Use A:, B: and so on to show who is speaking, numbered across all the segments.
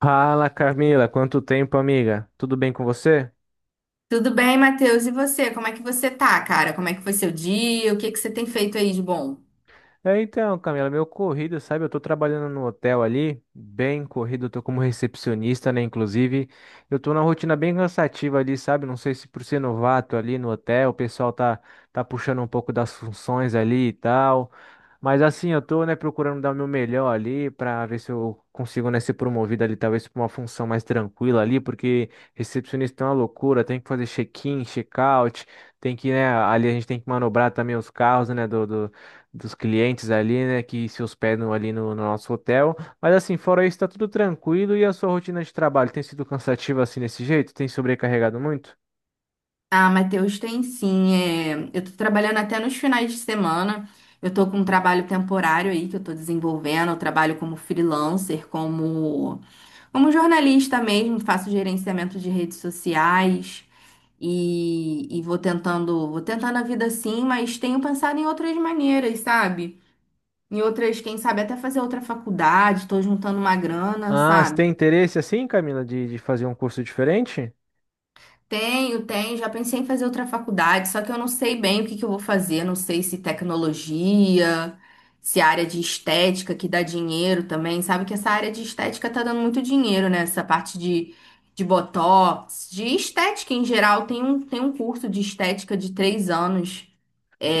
A: Fala, Camila, quanto tempo, amiga? Tudo bem com você?
B: Tudo bem, Matheus? E você? Como é que você tá, cara? Como é que foi seu dia? O que que você tem feito aí de bom?
A: Então, Camila, meu corrido, sabe? Eu tô trabalhando no hotel ali, bem corrido, eu tô como recepcionista, né? Inclusive, eu tô numa rotina bem cansativa ali, sabe? Não sei se por ser novato ali no hotel, o pessoal tá puxando um pouco das funções ali e tal. Mas assim, eu tô, né, procurando dar o meu melhor ali pra ver se eu consigo, né, ser promovido ali, talvez pra uma função mais tranquila ali, porque recepcionista é uma loucura, tem que fazer check-in, check-out, tem que, né, ali a gente tem que manobrar também os carros, né, dos clientes ali, né, que se hospedam ali no nosso hotel. Mas assim, fora isso, tá tudo tranquilo e a sua rotina de trabalho tem sido cansativa assim desse jeito? Tem sobrecarregado muito?
B: Ah, Matheus, tem sim. Eu tô trabalhando até nos finais de semana. Eu tô com um trabalho temporário aí que eu tô desenvolvendo. Eu trabalho como freelancer, como jornalista mesmo, faço gerenciamento de redes sociais e, vou tentando a vida assim, mas tenho pensado em outras maneiras, sabe? Em outras, quem sabe até fazer outra faculdade, tô juntando uma grana,
A: Ah, você
B: sabe?
A: tem interesse assim, Camila, de fazer um curso diferente?
B: Tenho, tenho. Já pensei em fazer outra faculdade, só que eu não sei bem o que que eu vou fazer. Não sei se tecnologia, se área de estética que dá dinheiro também. Sabe que essa área de estética tá dando muito dinheiro, né? Essa parte de botox, de estética em geral. Tem um curso de estética de três anos.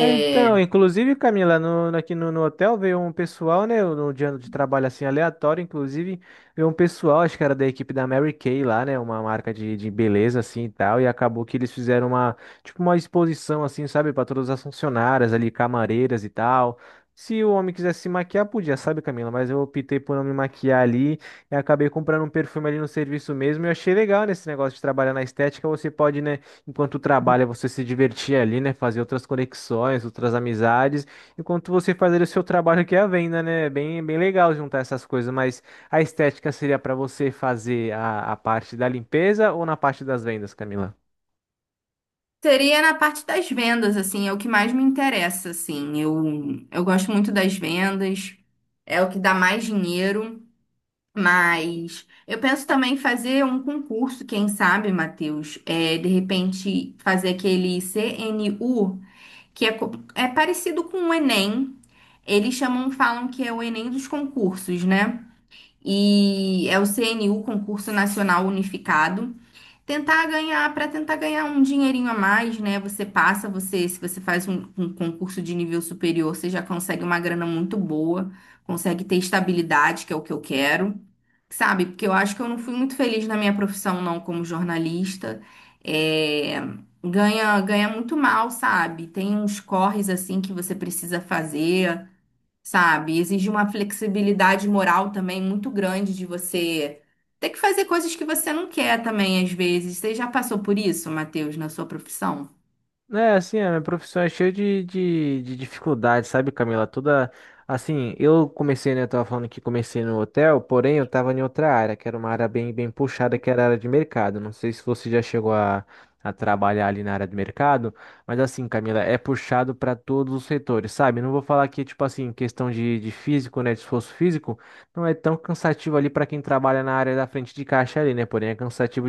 A: É, Então, inclusive, Camila, aqui no hotel veio um pessoal, né? No dia de trabalho assim aleatório, inclusive, veio um pessoal, acho que era da equipe da Mary Kay lá, né? Uma marca de beleza assim e tal. E acabou que eles fizeram uma, tipo, uma exposição assim, sabe? Para todas as funcionárias ali, camareiras e tal. Se o homem quisesse se maquiar, podia, sabe, Camila? Mas eu optei por não me maquiar ali e acabei comprando um perfume ali no serviço mesmo. E eu achei legal nesse negócio de trabalhar na estética, você pode, né? Enquanto trabalha, você se divertir ali, né? Fazer outras conexões, outras amizades. Enquanto você faz ali o seu trabalho que é a venda, né? É bem, bem legal juntar essas coisas, mas a estética seria para você fazer a parte da limpeza ou na parte das vendas, Camila?
B: seria na parte das vendas, assim, é o que mais me interessa, assim. Eu gosto muito das vendas, é o que dá mais dinheiro. Mas eu penso também em fazer um concurso, quem sabe, Matheus, de repente fazer aquele CNU, que é, é parecido com o Enem. Eles chamam, falam que é o Enem dos concursos, né? E é o CNU, Concurso Nacional Unificado. Tentar ganhar, para tentar ganhar um dinheirinho a mais, né? Você passa, se você faz um concurso de nível superior, você já consegue uma grana muito boa, consegue ter estabilidade, que é o que eu quero. Sabe, porque eu acho que eu não fui muito feliz na minha profissão, não, como jornalista. É, ganha muito mal, sabe? Tem uns corres assim que você precisa fazer, sabe? Exige uma flexibilidade moral também muito grande de você ter que fazer coisas que você não quer também, às vezes. Você já passou por isso, Matheus, na sua profissão?
A: É, assim, a minha profissão é cheia de dificuldades, sabe, Camila? Toda, assim, eu comecei, né, eu tava falando que comecei no hotel, porém eu tava em outra área, que era uma área bem, bem puxada, que era a área de mercado. Não sei se você já chegou a trabalhar ali na área de mercado, mas assim, Camila, é puxado para todos os setores, sabe? Não vou falar que, tipo assim, questão de físico, né, de esforço físico, não é tão cansativo ali para quem trabalha na área da frente de caixa ali, né? Porém é cansativo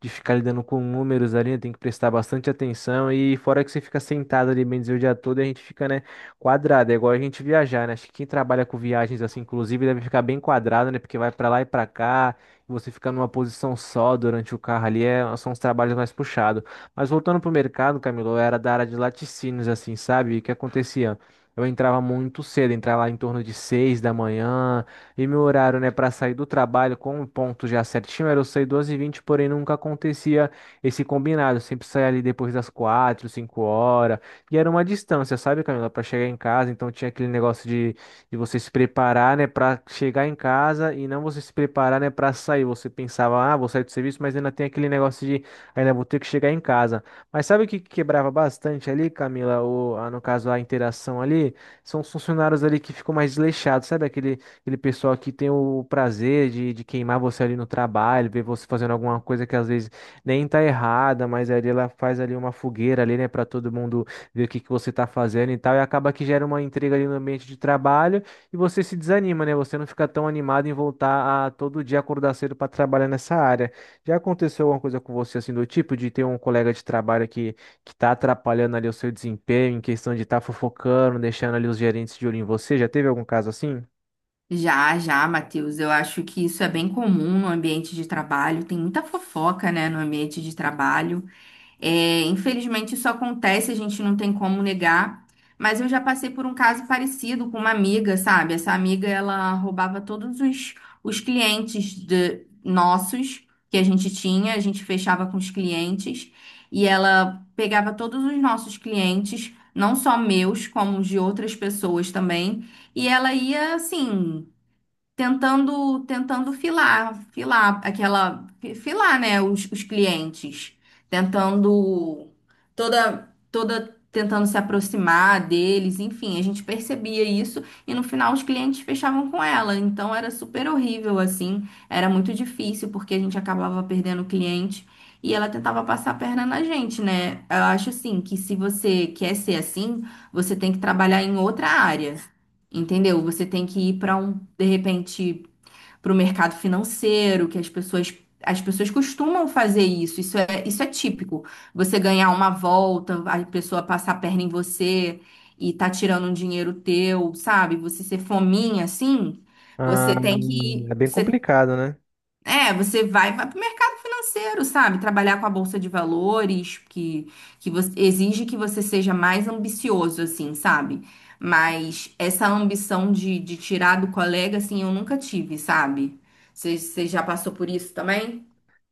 A: de ficar lidando com números ali, né? Tem que prestar bastante atenção. E fora que você fica sentado ali, bem dizer, o dia todo, e a gente fica, né, quadrado. É igual a gente viajar, né? Acho que quem trabalha com viagens assim, inclusive, deve ficar bem quadrado, né? Porque vai pra lá e pra cá, e você fica numa posição só durante o carro ali, é, são os trabalhos mais puxados. Mas voltando pro mercado, Camilo, eu era da área de laticínios, assim, sabe? E o que acontecia? Eu entrava muito cedo, entrava lá em torno de seis da manhã, e meu horário, né, para sair do trabalho com um ponto já certinho era eu sair doze e vinte, porém nunca acontecia esse combinado. Eu sempre saía ali depois das quatro, 5 horas. E era uma distância, sabe, Camila, para chegar em casa. Então tinha aquele negócio de você se preparar, né, para chegar em casa e não você se preparar, né, para sair. Você pensava, ah, vou sair do serviço, mas ainda tem aquele negócio de ainda vou ter que chegar em casa. Mas sabe o que que quebrava bastante ali, Camila? No caso, a interação ali? São os funcionários ali que ficam mais desleixados, sabe? Aquele pessoal que tem o prazer de queimar você ali no trabalho, ver você fazendo alguma coisa que às vezes nem tá errada, mas ali ela faz ali uma fogueira ali, né, para todo mundo ver o que que você tá fazendo e tal, e acaba que gera uma intriga ali no ambiente de trabalho e você se desanima, né? Você não fica tão animado em voltar a todo dia acordar cedo para trabalhar nessa área. Já aconteceu alguma coisa com você assim do tipo de ter um colega de trabalho que tá atrapalhando ali o seu desempenho em questão de estar fofocando, deixando ali os gerentes de olho em você? Já teve algum caso assim?
B: Já, já, Matheus. Eu acho que isso é bem comum no ambiente de trabalho. Tem muita fofoca, né, no ambiente de trabalho. É, infelizmente isso acontece, a gente não tem como negar. Mas eu já passei por um caso parecido com uma amiga, sabe? Essa amiga, ela roubava os clientes nossos que a gente tinha, a gente fechava com os clientes e ela pegava todos os nossos clientes, não só meus, como os de outras pessoas também, e ela ia assim tentando filar né, os clientes, tentando toda tentando se aproximar deles, enfim, a gente percebia isso e no final os clientes fechavam com ela, então era super horrível assim, era muito difícil porque a gente acabava perdendo o cliente. E ela tentava passar a perna na gente, né? Eu acho assim que se você quer ser assim, você tem que trabalhar em outra área. Entendeu? Você tem que ir para um, de repente, para o mercado financeiro, as pessoas costumam fazer isso. Isso é típico. Você ganhar uma volta, a pessoa passar a perna em você e tá tirando um dinheiro teu, sabe? Você ser fominha assim,
A: Ah,
B: você tem que,
A: é bem
B: você
A: complicado, né?
B: é, você vai, vai para o mercado financeiro, sabe? Trabalhar com a bolsa de valores, exige que você seja mais ambicioso, assim, sabe? Mas essa ambição de tirar do colega, assim, eu nunca tive, sabe? Você já passou por isso também?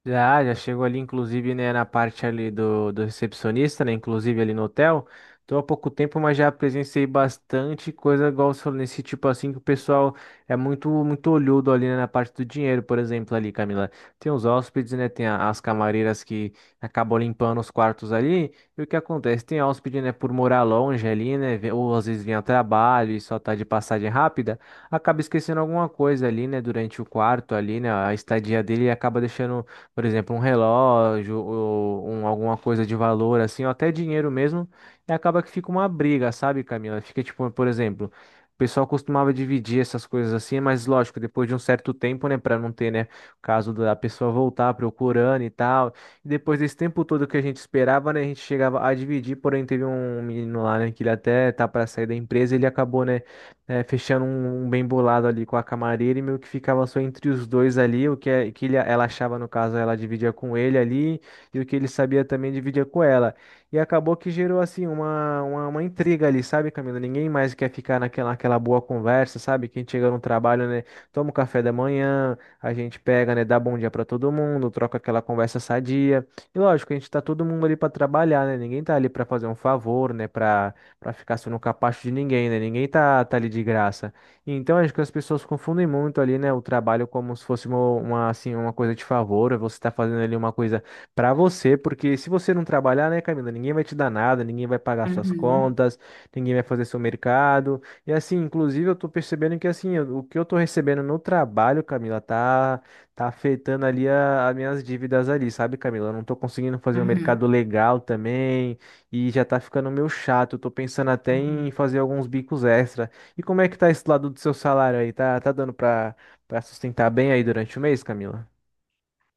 A: Já chegou ali, inclusive, né, na parte ali do recepcionista, né, inclusive ali no hotel. Tô há pouco tempo, mas já presenciei bastante coisa igual você falou, nesse tipo assim, que o pessoal é muito olhudo ali, né, na parte do dinheiro, por exemplo, ali, Camila. Tem os hóspedes, né, tem as camareiras que acabam limpando os quartos ali, e o que acontece? Tem hóspede, né, por morar longe ali, né, ou às vezes vem a trabalho e só tá de passagem rápida, acaba esquecendo alguma coisa ali, né, durante o quarto ali, né, a estadia dele, acaba deixando, por exemplo, um relógio ou um, alguma coisa de valor, assim, ou até dinheiro mesmo, e acaba que fica uma briga, sabe, Camila? Fica tipo, por exemplo, o pessoal costumava dividir essas coisas assim, mas lógico, depois de um certo tempo, né, para não ter, né, o caso da pessoa voltar procurando e tal. E depois desse tempo todo que a gente esperava, né, a gente chegava a dividir, porém teve um menino lá, né, que ele até tá para sair da empresa, ele acabou, né, é, fechando um bem bolado ali com a camareira e meio que ficava só entre os dois ali, o que, ela achava, no caso, ela dividia com ele ali, e o que ele sabia também dividia com ela. E acabou que gerou, assim, uma intriga ali, sabe, Camila? Ninguém mais quer ficar naquela boa conversa, sabe? Quem chega no trabalho, né, toma o café da manhã, a gente pega, né, dá bom dia pra todo mundo, troca aquela conversa sadia. E lógico, a gente tá todo mundo ali pra trabalhar, né? Ninguém tá ali pra fazer um favor, né, para ficar só no capacho de ninguém, né? Ninguém tá ali de graça. Então acho que as pessoas confundem muito ali, né, o trabalho como se fosse assim, uma coisa de favor, é você tá fazendo ali uma coisa para você, porque se você não trabalhar, né, Camila, ninguém vai te dar nada, ninguém vai pagar suas
B: Uhum,
A: contas, ninguém vai fazer seu mercado. E assim, inclusive eu tô percebendo que assim, o que eu tô recebendo no trabalho, Camila, tá afetando ali as minhas dívidas ali, sabe, Camila? Eu não tô conseguindo fazer um mercado
B: uhum.
A: legal também. E já tá ficando meio chato. Eu tô pensando até em fazer alguns bicos extra. E como é que tá esse lado do seu salário aí? Tá dando pra sustentar bem aí durante o mês, Camila?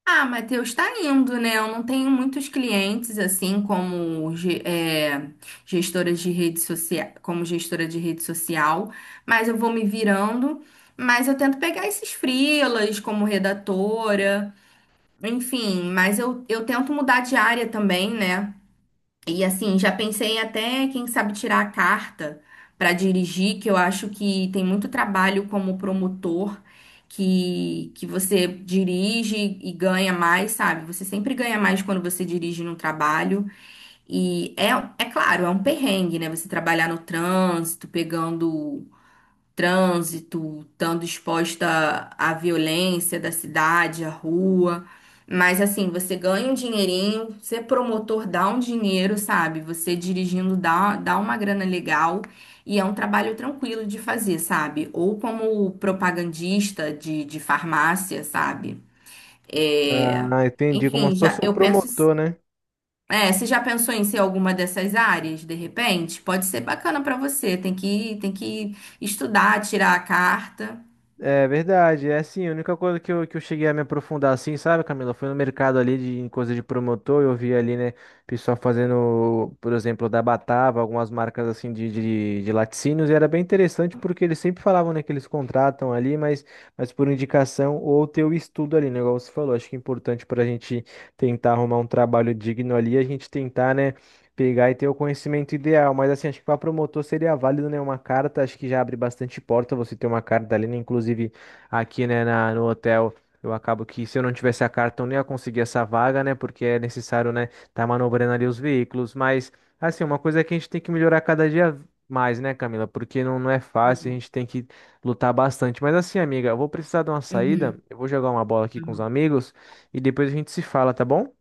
B: Ah, Matheus, está indo, né? Eu não tenho muitos clientes, assim, gestora de rede social, como gestora de rede social, mas eu vou me virando. Mas eu tento pegar esses freelas como redatora, enfim, mas eu tento mudar de área também, né? E assim, já pensei até, quem sabe, tirar a carta para dirigir, que eu acho que tem muito trabalho como promotor, que você dirige e ganha mais, sabe? Você sempre ganha mais quando você dirige num trabalho. E é, é claro, é um perrengue, né? Você trabalhar no trânsito, pegando trânsito, estando exposta à violência da cidade, à rua. Mas assim, você ganha um dinheirinho, ser promotor dá um dinheiro, sabe? Você dirigindo dá, dá uma grana legal e é um trabalho tranquilo de fazer, sabe? Ou como propagandista de farmácia, sabe? É,
A: Ah, entendi. Como
B: Enfim,
A: se
B: já
A: fosse um
B: eu penso
A: promotor, né?
B: é, você já pensou em ser alguma dessas áreas, de repente? Pode ser bacana para você. Tem que estudar, tirar a carta.
A: É verdade, é assim, a única coisa que eu cheguei a me aprofundar assim, sabe, Camila? Foi no mercado ali de, em coisa de promotor, eu vi ali, né, pessoal fazendo, por exemplo, da Batava, algumas marcas assim de laticínios, e era bem interessante porque eles sempre falavam, né, que eles contratam ali, mas por indicação ou ter o estudo ali, né, igual você falou, acho que é importante para a gente tentar arrumar um trabalho digno ali, a gente tentar, né, pegar e ter o conhecimento ideal, mas assim, acho que para promotor seria válido, né? Uma carta, acho que já abre bastante porta você ter uma carta ali, né? Inclusive aqui, né, no hotel, eu acabo que se eu não tivesse a carta, eu não ia conseguir essa vaga, né? Porque é necessário, né, tá manobrando ali os veículos, mas assim, uma coisa é que a gente tem que melhorar cada dia mais, né, Camila? Porque não é fácil, a
B: Uhum.
A: gente tem que lutar bastante. Mas assim, amiga, eu vou precisar de uma saída,
B: Uhum,
A: eu vou jogar uma bola aqui com os
B: uhum.
A: amigos e depois a gente se fala, tá bom?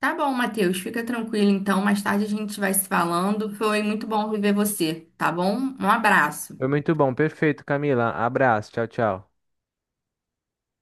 B: Tá bom, Matheus. Fica tranquilo, então. Mais tarde a gente vai se falando. Foi muito bom rever você, tá bom? Um abraço.
A: Foi muito bom, perfeito, Camila. Abraço, tchau, tchau.